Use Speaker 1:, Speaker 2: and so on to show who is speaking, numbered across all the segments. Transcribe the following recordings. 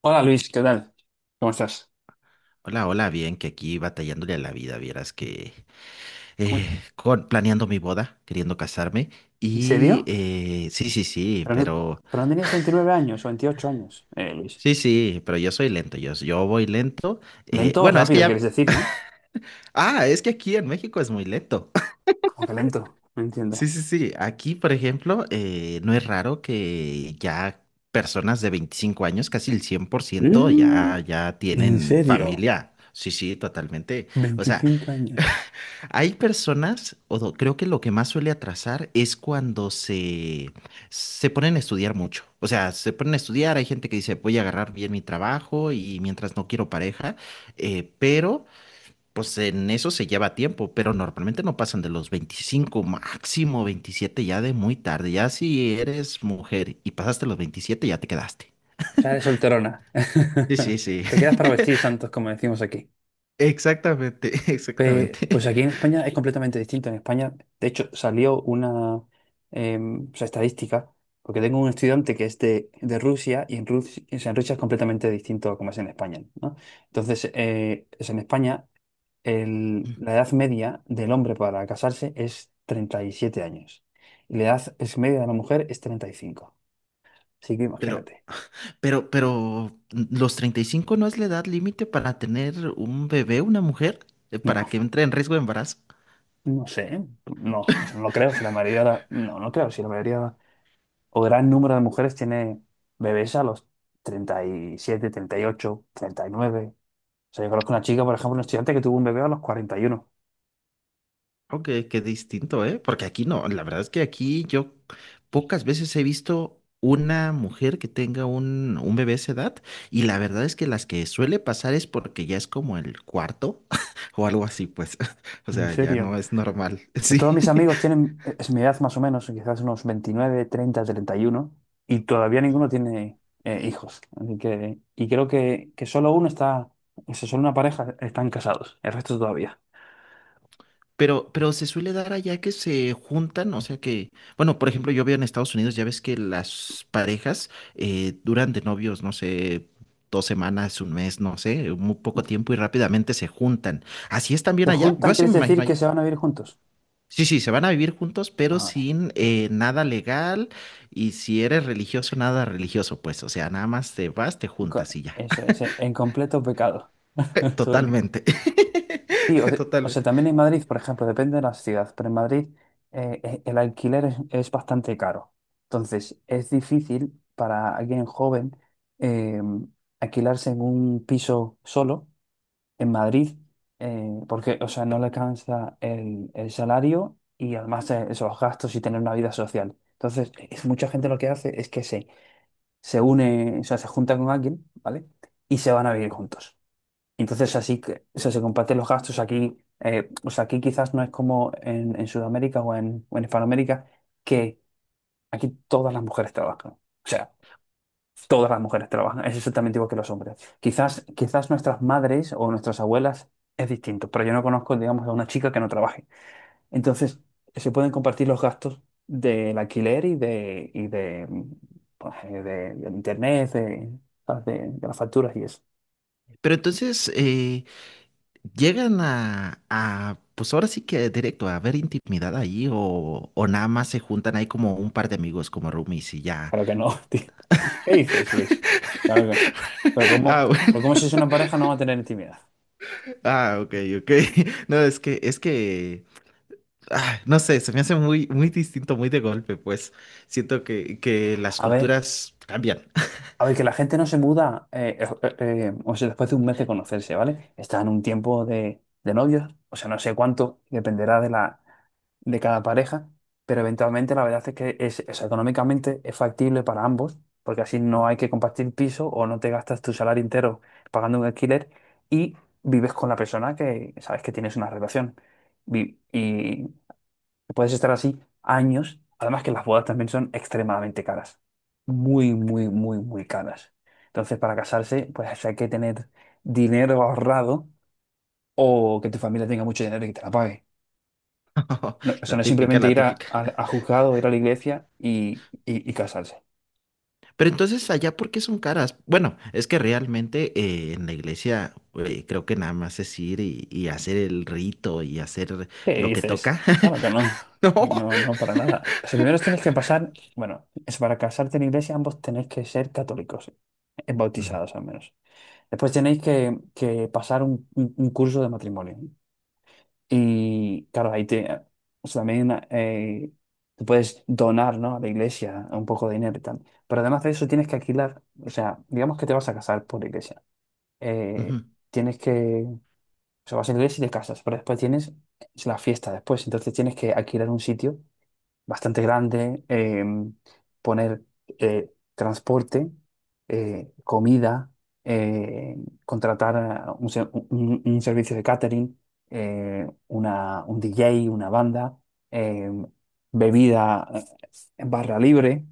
Speaker 1: Hola Luis, ¿qué tal? ¿Cómo estás?
Speaker 2: Hola, hola, bien, que aquí batallándole a la vida, vieras que
Speaker 1: Uy,
Speaker 2: planeando mi boda, queriendo casarme
Speaker 1: ¿en
Speaker 2: y
Speaker 1: serio?
Speaker 2: sí,
Speaker 1: Pero no, pero no tenías 29 años o 28 años, Luis.
Speaker 2: sí, sí, pero yo soy lento, yo voy lento.
Speaker 1: Lento o
Speaker 2: Bueno, es que
Speaker 1: rápido, quieres
Speaker 2: ya,
Speaker 1: decir, ¿no?
Speaker 2: ah, es que aquí en México es muy lento.
Speaker 1: Como que lento, no
Speaker 2: Sí,
Speaker 1: entiendo.
Speaker 2: sí, sí, aquí, por ejemplo, no es raro que ya personas de 25 años, casi el 100%, ya,
Speaker 1: Mm,
Speaker 2: ya
Speaker 1: ¿en
Speaker 2: tienen
Speaker 1: serio?
Speaker 2: familia. Sí, sí, totalmente. O sea,
Speaker 1: 25 años.
Speaker 2: hay personas, creo que lo que más suele atrasar es cuando se ponen a estudiar mucho. O sea, se ponen a estudiar, hay gente que dice, voy a agarrar bien mi trabajo y mientras no quiero pareja, pero pues en eso se lleva tiempo, pero normalmente no pasan de los 25, máximo 27 ya de muy tarde. Ya si eres mujer y pasaste los 27, ya te quedaste.
Speaker 1: O sea, eres solterona.
Speaker 2: Sí, sí, sí,
Speaker 1: Te quedas para vestir santos, como decimos aquí.
Speaker 2: exactamente,
Speaker 1: Pues
Speaker 2: exactamente.
Speaker 1: aquí en España es completamente distinto. En España, de hecho, salió una o sea, estadística, porque tengo un estudiante que es de Rusia y en Rusia es completamente distinto a como es en España, ¿no? Entonces, es en España la edad media del hombre para casarse es 37 años y la edad es media de la mujer es 35. Así que
Speaker 2: Pero,
Speaker 1: imagínate.
Speaker 2: pero, ¿los 35 no es la edad límite para tener un bebé, una mujer?
Speaker 1: No,
Speaker 2: ¿Para que entre en riesgo de embarazo?
Speaker 1: no sé, ¿eh? No, o sea, no creo si la mayoría, no, no creo si la mayoría o gran número de mujeres tiene bebés a los treinta y siete, 38, 39. O sea, yo conozco una chica, por ejemplo, un estudiante que tuvo un bebé a los 41.
Speaker 2: Oh, qué, qué distinto, ¿eh? Porque aquí no, la verdad es que aquí yo pocas veces he visto una mujer que tenga un bebé a esa edad y la verdad es que las que suele pasar es porque ya es como el cuarto o algo así, pues. O
Speaker 1: ¿En
Speaker 2: sea, ya no
Speaker 1: serio?
Speaker 2: es normal.
Speaker 1: Pues todos
Speaker 2: Sí.
Speaker 1: mis amigos tienen, es mi edad más o menos, quizás unos 29, 30, 31, y todavía ninguno tiene hijos. Así que, y creo que solo uno está, o sea, solo una pareja están casados, el resto todavía.
Speaker 2: Pero, se suele dar allá que se juntan, o sea que, bueno, por ejemplo, yo veo en Estados Unidos, ya ves que las parejas duran de novios, no sé, dos semanas, un mes, no sé, muy poco tiempo y rápidamente se juntan. ¿Así es
Speaker 1: ¿Se
Speaker 2: también allá? Yo
Speaker 1: juntan?
Speaker 2: así
Speaker 1: ¿Quieres
Speaker 2: me imagino
Speaker 1: decir que
Speaker 2: allá.
Speaker 1: se van a vivir juntos?
Speaker 2: Sí, sí, se van a vivir juntos, pero
Speaker 1: Madre.
Speaker 2: sin nada legal y si eres religioso, nada religioso, pues, o sea, nada más te vas, te juntas
Speaker 1: Co-
Speaker 2: y ya.
Speaker 1: Eso es, en completo pecado. Todo-
Speaker 2: Totalmente.
Speaker 1: Sí, o sea,
Speaker 2: Totalmente.
Speaker 1: también en Madrid, por ejemplo, depende de la ciudad, pero en Madrid el alquiler es bastante caro. Entonces, es difícil para alguien joven eh, alquilarse en un piso solo en Madrid, porque, o sea, no le alcanza el salario y además esos gastos y tener una vida social. Entonces, mucha gente lo que hace es que se une, o sea, se junta con alguien, ¿vale? Y se van a vivir juntos. Entonces así que o sea, se comparten los gastos aquí. O sea, aquí quizás no es como en, Sudamérica o en Hispanoamérica, que aquí todas las mujeres trabajan. O sea, todas las mujeres trabajan. Es exactamente igual que los hombres. Quizás, quizás nuestras madres o nuestras abuelas es distinto, pero yo no conozco, digamos, a una chica que no trabaje. Entonces, se pueden compartir los gastos del alquiler y de, pues, del internet, de las facturas y eso.
Speaker 2: Pero entonces, ¿llegan a, pues ahora sí que directo, a ver intimidad ahí o nada más se juntan ahí como un par de amigos como roomies y ya?
Speaker 1: Claro que no, tío. ¿Qué dices, Luis? Claro que no. Pero
Speaker 2: Ah,
Speaker 1: ¿cómo, pero
Speaker 2: bueno.
Speaker 1: cómo si es una pareja no va a tener intimidad?
Speaker 2: Ah, ok, ok. No, es que, ah, no sé, se me hace muy, muy distinto, muy de golpe, pues siento que las
Speaker 1: A ver,
Speaker 2: culturas cambian.
Speaker 1: a ver, que la gente no se muda, o sea, después de un mes de conocerse, ¿vale? Está en un tiempo de novios, o sea, no sé cuánto, dependerá de cada pareja, pero eventualmente la verdad es que es económicamente es factible para ambos, porque así no hay que compartir piso o no te gastas tu salario entero pagando un alquiler y vives con la persona que sabes que tienes una relación. Vi- Y, Puedes estar así años. Además que las bodas también son extremadamente caras. Muy, muy, muy, muy caras. Entonces, para casarse, pues hay que tener dinero ahorrado o que tu familia tenga mucho dinero y que te la pague. No, o sea,
Speaker 2: La
Speaker 1: no es
Speaker 2: típica,
Speaker 1: simplemente
Speaker 2: la
Speaker 1: ir a,
Speaker 2: típica.
Speaker 1: a juzgado, ir a la iglesia y casarse.
Speaker 2: Pero entonces allá, ¿por qué son caras? Bueno, es que realmente en la iglesia creo que nada más es ir y hacer el rito y hacer
Speaker 1: ¿Qué
Speaker 2: lo que
Speaker 1: dices?
Speaker 2: toca.
Speaker 1: Claro que no. No, no, para nada. O sea, primero tenéis que pasar, bueno, es para casarte en iglesia, ambos tenéis que ser católicos,
Speaker 2: No, ujú,
Speaker 1: bautizados al menos. Después tenéis que pasar un curso de matrimonio. Y claro, o sea, también te puedes donar, ¿no?, a la iglesia un poco de dinero y tal. Pero además de eso tienes que alquilar, o sea, digamos que te vas a casar por la iglesia. Eh,
Speaker 2: ujú.
Speaker 1: Tienes o sea, vas a la iglesia y te casas, pero después tienes la fiesta después. Entonces tienes que alquilar un sitio bastante grande, poner transporte, comida, eh, contratar a un un servicio de catering, un DJ, una banda, eh, bebida en barra libre,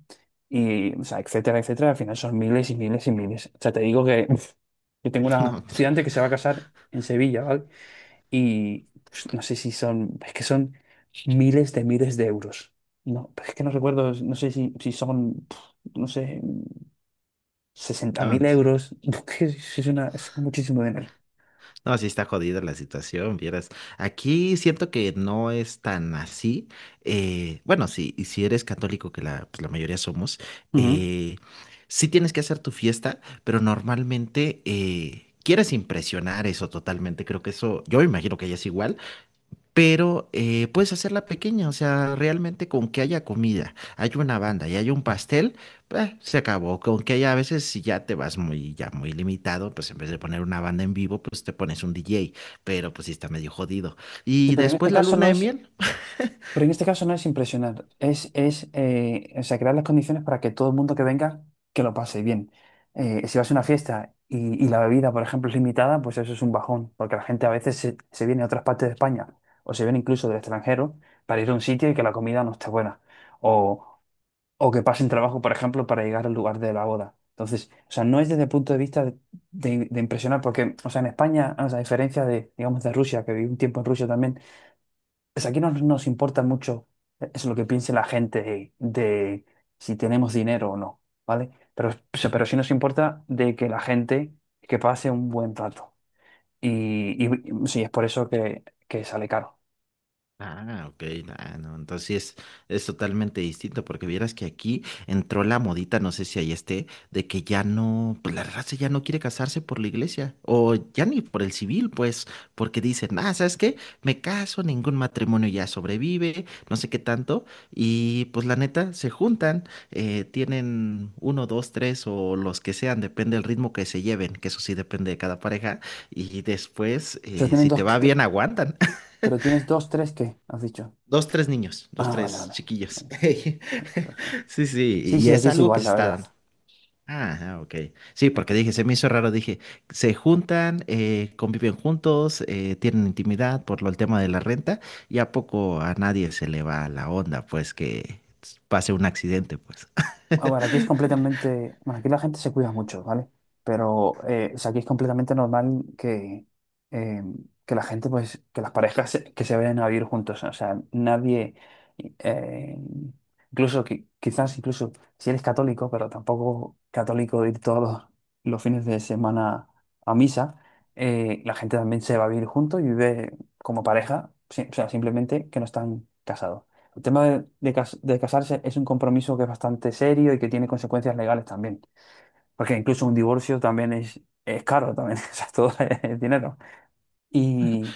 Speaker 1: o sea, etcétera, etcétera. Al final son miles y miles y miles. O sea, te digo que yo tengo una
Speaker 2: No,
Speaker 1: estudiante que se va a casar en Sevilla, ¿vale?, y pues, no sé si son, es que son miles de euros. No, pero es que no recuerdo, no sé si son, no sé, sesenta
Speaker 2: no,
Speaker 1: mil
Speaker 2: no,
Speaker 1: euros. Es que es es muchísimo dinero.
Speaker 2: no, sí está jodida la situación, vieras. Aquí siento que no es tan así. Bueno, sí, y si eres católico, que la, pues la mayoría somos,
Speaker 1: Ujú.
Speaker 2: eh, sí tienes que hacer tu fiesta, pero normalmente quieres impresionar eso totalmente. Creo que eso, yo me imagino que ya es igual. Pero puedes hacerla pequeña, o sea, realmente con que haya comida, hay una banda y hay un pastel, se acabó. Con que haya a veces si ya te vas muy, ya muy limitado, pues en vez de poner una banda en vivo, pues te pones un DJ, pero pues sí está medio jodido.
Speaker 1: Sí,
Speaker 2: Y después la luna de miel.
Speaker 1: pero en este caso no es impresionar, es o sea, crear las condiciones para que todo el mundo que venga, que lo pase bien. Si vas a una fiesta y la bebida, por ejemplo, es limitada, pues eso es un bajón, porque la gente a veces se viene de otras partes de España o se viene incluso del extranjero para ir a un sitio y que la comida no esté buena. O, o que pasen trabajo, por ejemplo, para llegar al lugar de la boda. Entonces, o sea, no es desde el punto de vista de impresionar, porque, o sea, en España, o sea, a diferencia de, digamos, de Rusia, que viví un tiempo en Rusia también, pues aquí no nos importa mucho, eso es lo que piense la gente de si tenemos dinero o no, ¿vale? Pero, pero sí nos importa de que la gente que pase un buen rato. Y sí, es por eso que sale caro.
Speaker 2: Ah, ok, ah, no, entonces sí es totalmente distinto, porque vieras que aquí entró la modita, no sé si ahí esté, de que ya no, pues la raza ya no quiere casarse por la iglesia, o ya ni por el civil, pues, porque dicen, ah, ¿sabes qué? Me caso, ningún matrimonio ya sobrevive, no sé qué tanto, y pues la neta, se juntan, tienen uno, dos, tres, o los que sean, depende del ritmo que se lleven, que eso sí depende de cada pareja, y después,
Speaker 1: eso tienen
Speaker 2: si
Speaker 1: dos,
Speaker 2: te va bien, aguantan.
Speaker 1: pero tienes dos, tres, ¿qué?, has dicho.
Speaker 2: Dos, tres niños, dos,
Speaker 1: Ah, vale,
Speaker 2: tres
Speaker 1: vale.
Speaker 2: chiquillos. Sí, sí,
Speaker 1: Sí,
Speaker 2: y
Speaker 1: sí,
Speaker 2: es
Speaker 1: aquí es
Speaker 2: algo que
Speaker 1: igual,
Speaker 2: se
Speaker 1: la
Speaker 2: está
Speaker 1: verdad.
Speaker 2: dando. Ah, ah, ok. Sí, porque
Speaker 1: Aquí.
Speaker 2: dije, se me hizo raro, dije, se juntan, conviven juntos, tienen intimidad por lo, el tema de la renta, y a poco a nadie se le va la onda, pues que pase un accidente, pues.
Speaker 1: A ver, aquí es completamente, bueno, aquí la gente se cuida mucho, ¿vale? Pero o sea, aquí es completamente normal eh, que la gente, pues, que las parejas que se vayan a vivir juntos. O sea, nadie, eh, incluso, quizás incluso si eres católico, pero tampoco católico de ir todos los fines de semana a misa, la gente también se va a vivir juntos y vive como pareja, o sea, simplemente que no están casados. El tema de casarse es un compromiso que es bastante serio y que tiene consecuencias legales también, porque incluso un divorcio también es caro, también, o sea, todo es dinero. Y,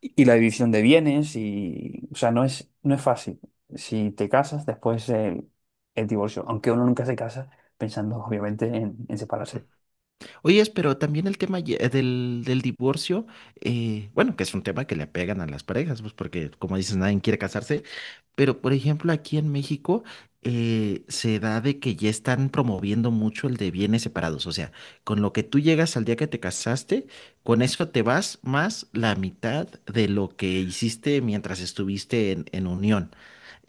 Speaker 1: y la división de bienes, o sea, no es fácil. Si te casas, después el divorcio, aunque uno nunca se casa pensando obviamente en separarse.
Speaker 2: Oye, pero también el tema del divorcio, bueno, que es un tema que le pegan a las parejas, pues porque como dices, nadie quiere casarse, pero por ejemplo aquí en México se da de que ya están promoviendo mucho el de bienes separados, o sea, con lo que tú llegas al día que te casaste, con eso te vas más la mitad de lo que hiciste mientras estuviste en unión.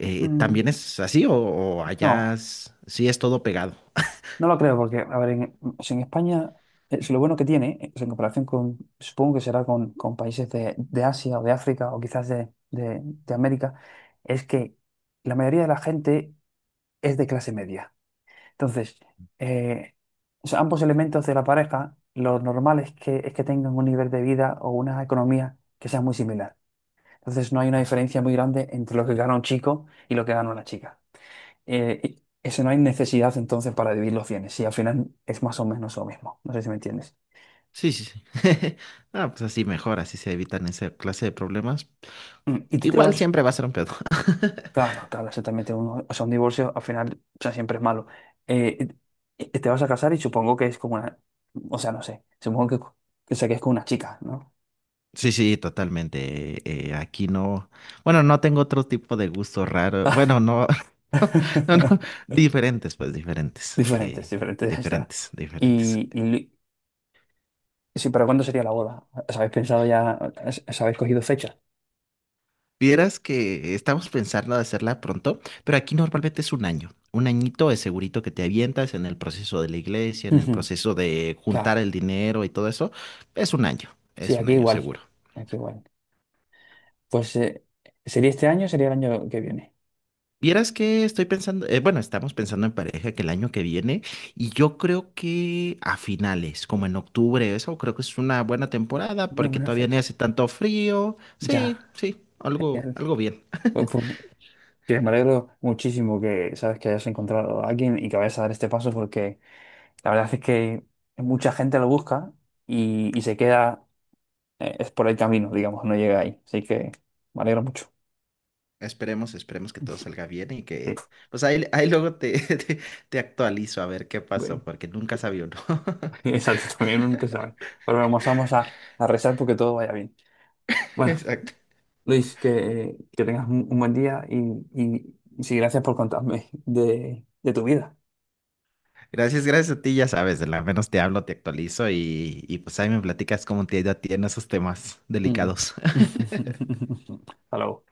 Speaker 2: ¿También
Speaker 1: Mm,
Speaker 2: es así o allá
Speaker 1: no.
Speaker 2: sí es todo pegado?
Speaker 1: No lo creo, porque, a ver, si en España, si lo bueno que tiene, pues en comparación con, supongo que será con países de Asia o de África o quizás de América, es que la mayoría de la gente es de clase media. Entonces, eh, o sea, ambos elementos de la pareja, lo normal es que tengan un nivel de vida o una economía que sea muy similar. Entonces, no hay una diferencia muy grande entre lo que gana un chico y lo que gana una chica. Y eso no hay necesidad entonces para dividir los bienes, si al final es más o menos lo mismo. No sé si me entiendes.
Speaker 2: Sí, sí, sí. Ah, pues así mejor, así se evitan esa clase de problemas.
Speaker 1: Mm, y tú te
Speaker 2: Igual
Speaker 1: vas,
Speaker 2: siempre va a ser un pedo.
Speaker 1: claro, claro, exactamente. Uno, o sea, un divorcio al final, o sea, siempre es malo. Eh, y y te vas a casar y supongo que es como una, o sea, no sé, supongo o sea, que es con una chica, ¿no?
Speaker 2: Sí, sí, totalmente. Aquí no, bueno, no tengo otro tipo de gusto raro. Bueno, no, no, no, diferentes, pues diferentes,
Speaker 1: Diferentes, diferentes, ya está.
Speaker 2: diferentes, diferentes.
Speaker 1: Y, y li- sí, pero ¿cuándo sería la boda? ¿Os habéis pensado ya, os habéis cogido fecha?
Speaker 2: Vieras que estamos pensando de hacerla pronto, pero aquí normalmente es un año. Un añito es segurito que te avientas en el proceso de la iglesia, en el
Speaker 1: Ujú.
Speaker 2: proceso de juntar el
Speaker 1: Claro,
Speaker 2: dinero y todo eso. Es un año,
Speaker 1: sí,
Speaker 2: es un
Speaker 1: aquí
Speaker 2: año
Speaker 1: igual,
Speaker 2: seguro.
Speaker 1: aquí igual. Pues sería este año, sería el año que viene.
Speaker 2: Vieras que estoy pensando, bueno, estamos pensando en pareja que el año que viene y yo creo que a finales, como en octubre, eso creo que es una buena temporada
Speaker 1: Una
Speaker 2: porque
Speaker 1: buena
Speaker 2: todavía ni
Speaker 1: fecha.
Speaker 2: hace tanto frío.
Speaker 1: Ya.
Speaker 2: Sí, sí, algo,
Speaker 1: Genial.
Speaker 2: algo bien.
Speaker 1: Pues, que me alegro muchísimo que sabes que hayas encontrado a alguien y que vayas a dar este paso porque la verdad es que mucha gente lo busca y se queda, es por el camino, digamos, no llega ahí. Así que me alegro mucho.
Speaker 2: Esperemos, esperemos que todo salga bien y
Speaker 1: Sí,
Speaker 2: que, pues ahí, ahí luego te, te actualizo a ver qué
Speaker 1: bueno,
Speaker 2: pasó porque nunca sabía uno.
Speaker 1: exacto, también nunca sabe. Pero vamos, vamos a rezar porque todo vaya bien. Bueno.
Speaker 2: Exacto.
Speaker 1: Luis, que tengas un buen día y sí, gracias por contarme de tu vida.
Speaker 2: Gracias, gracias a ti, ya sabes, de la menos te hablo, te actualizo y pues ahí me platicas cómo te ha ido a ti en esos temas
Speaker 1: Mm.
Speaker 2: delicados.
Speaker 1: Hasta luego.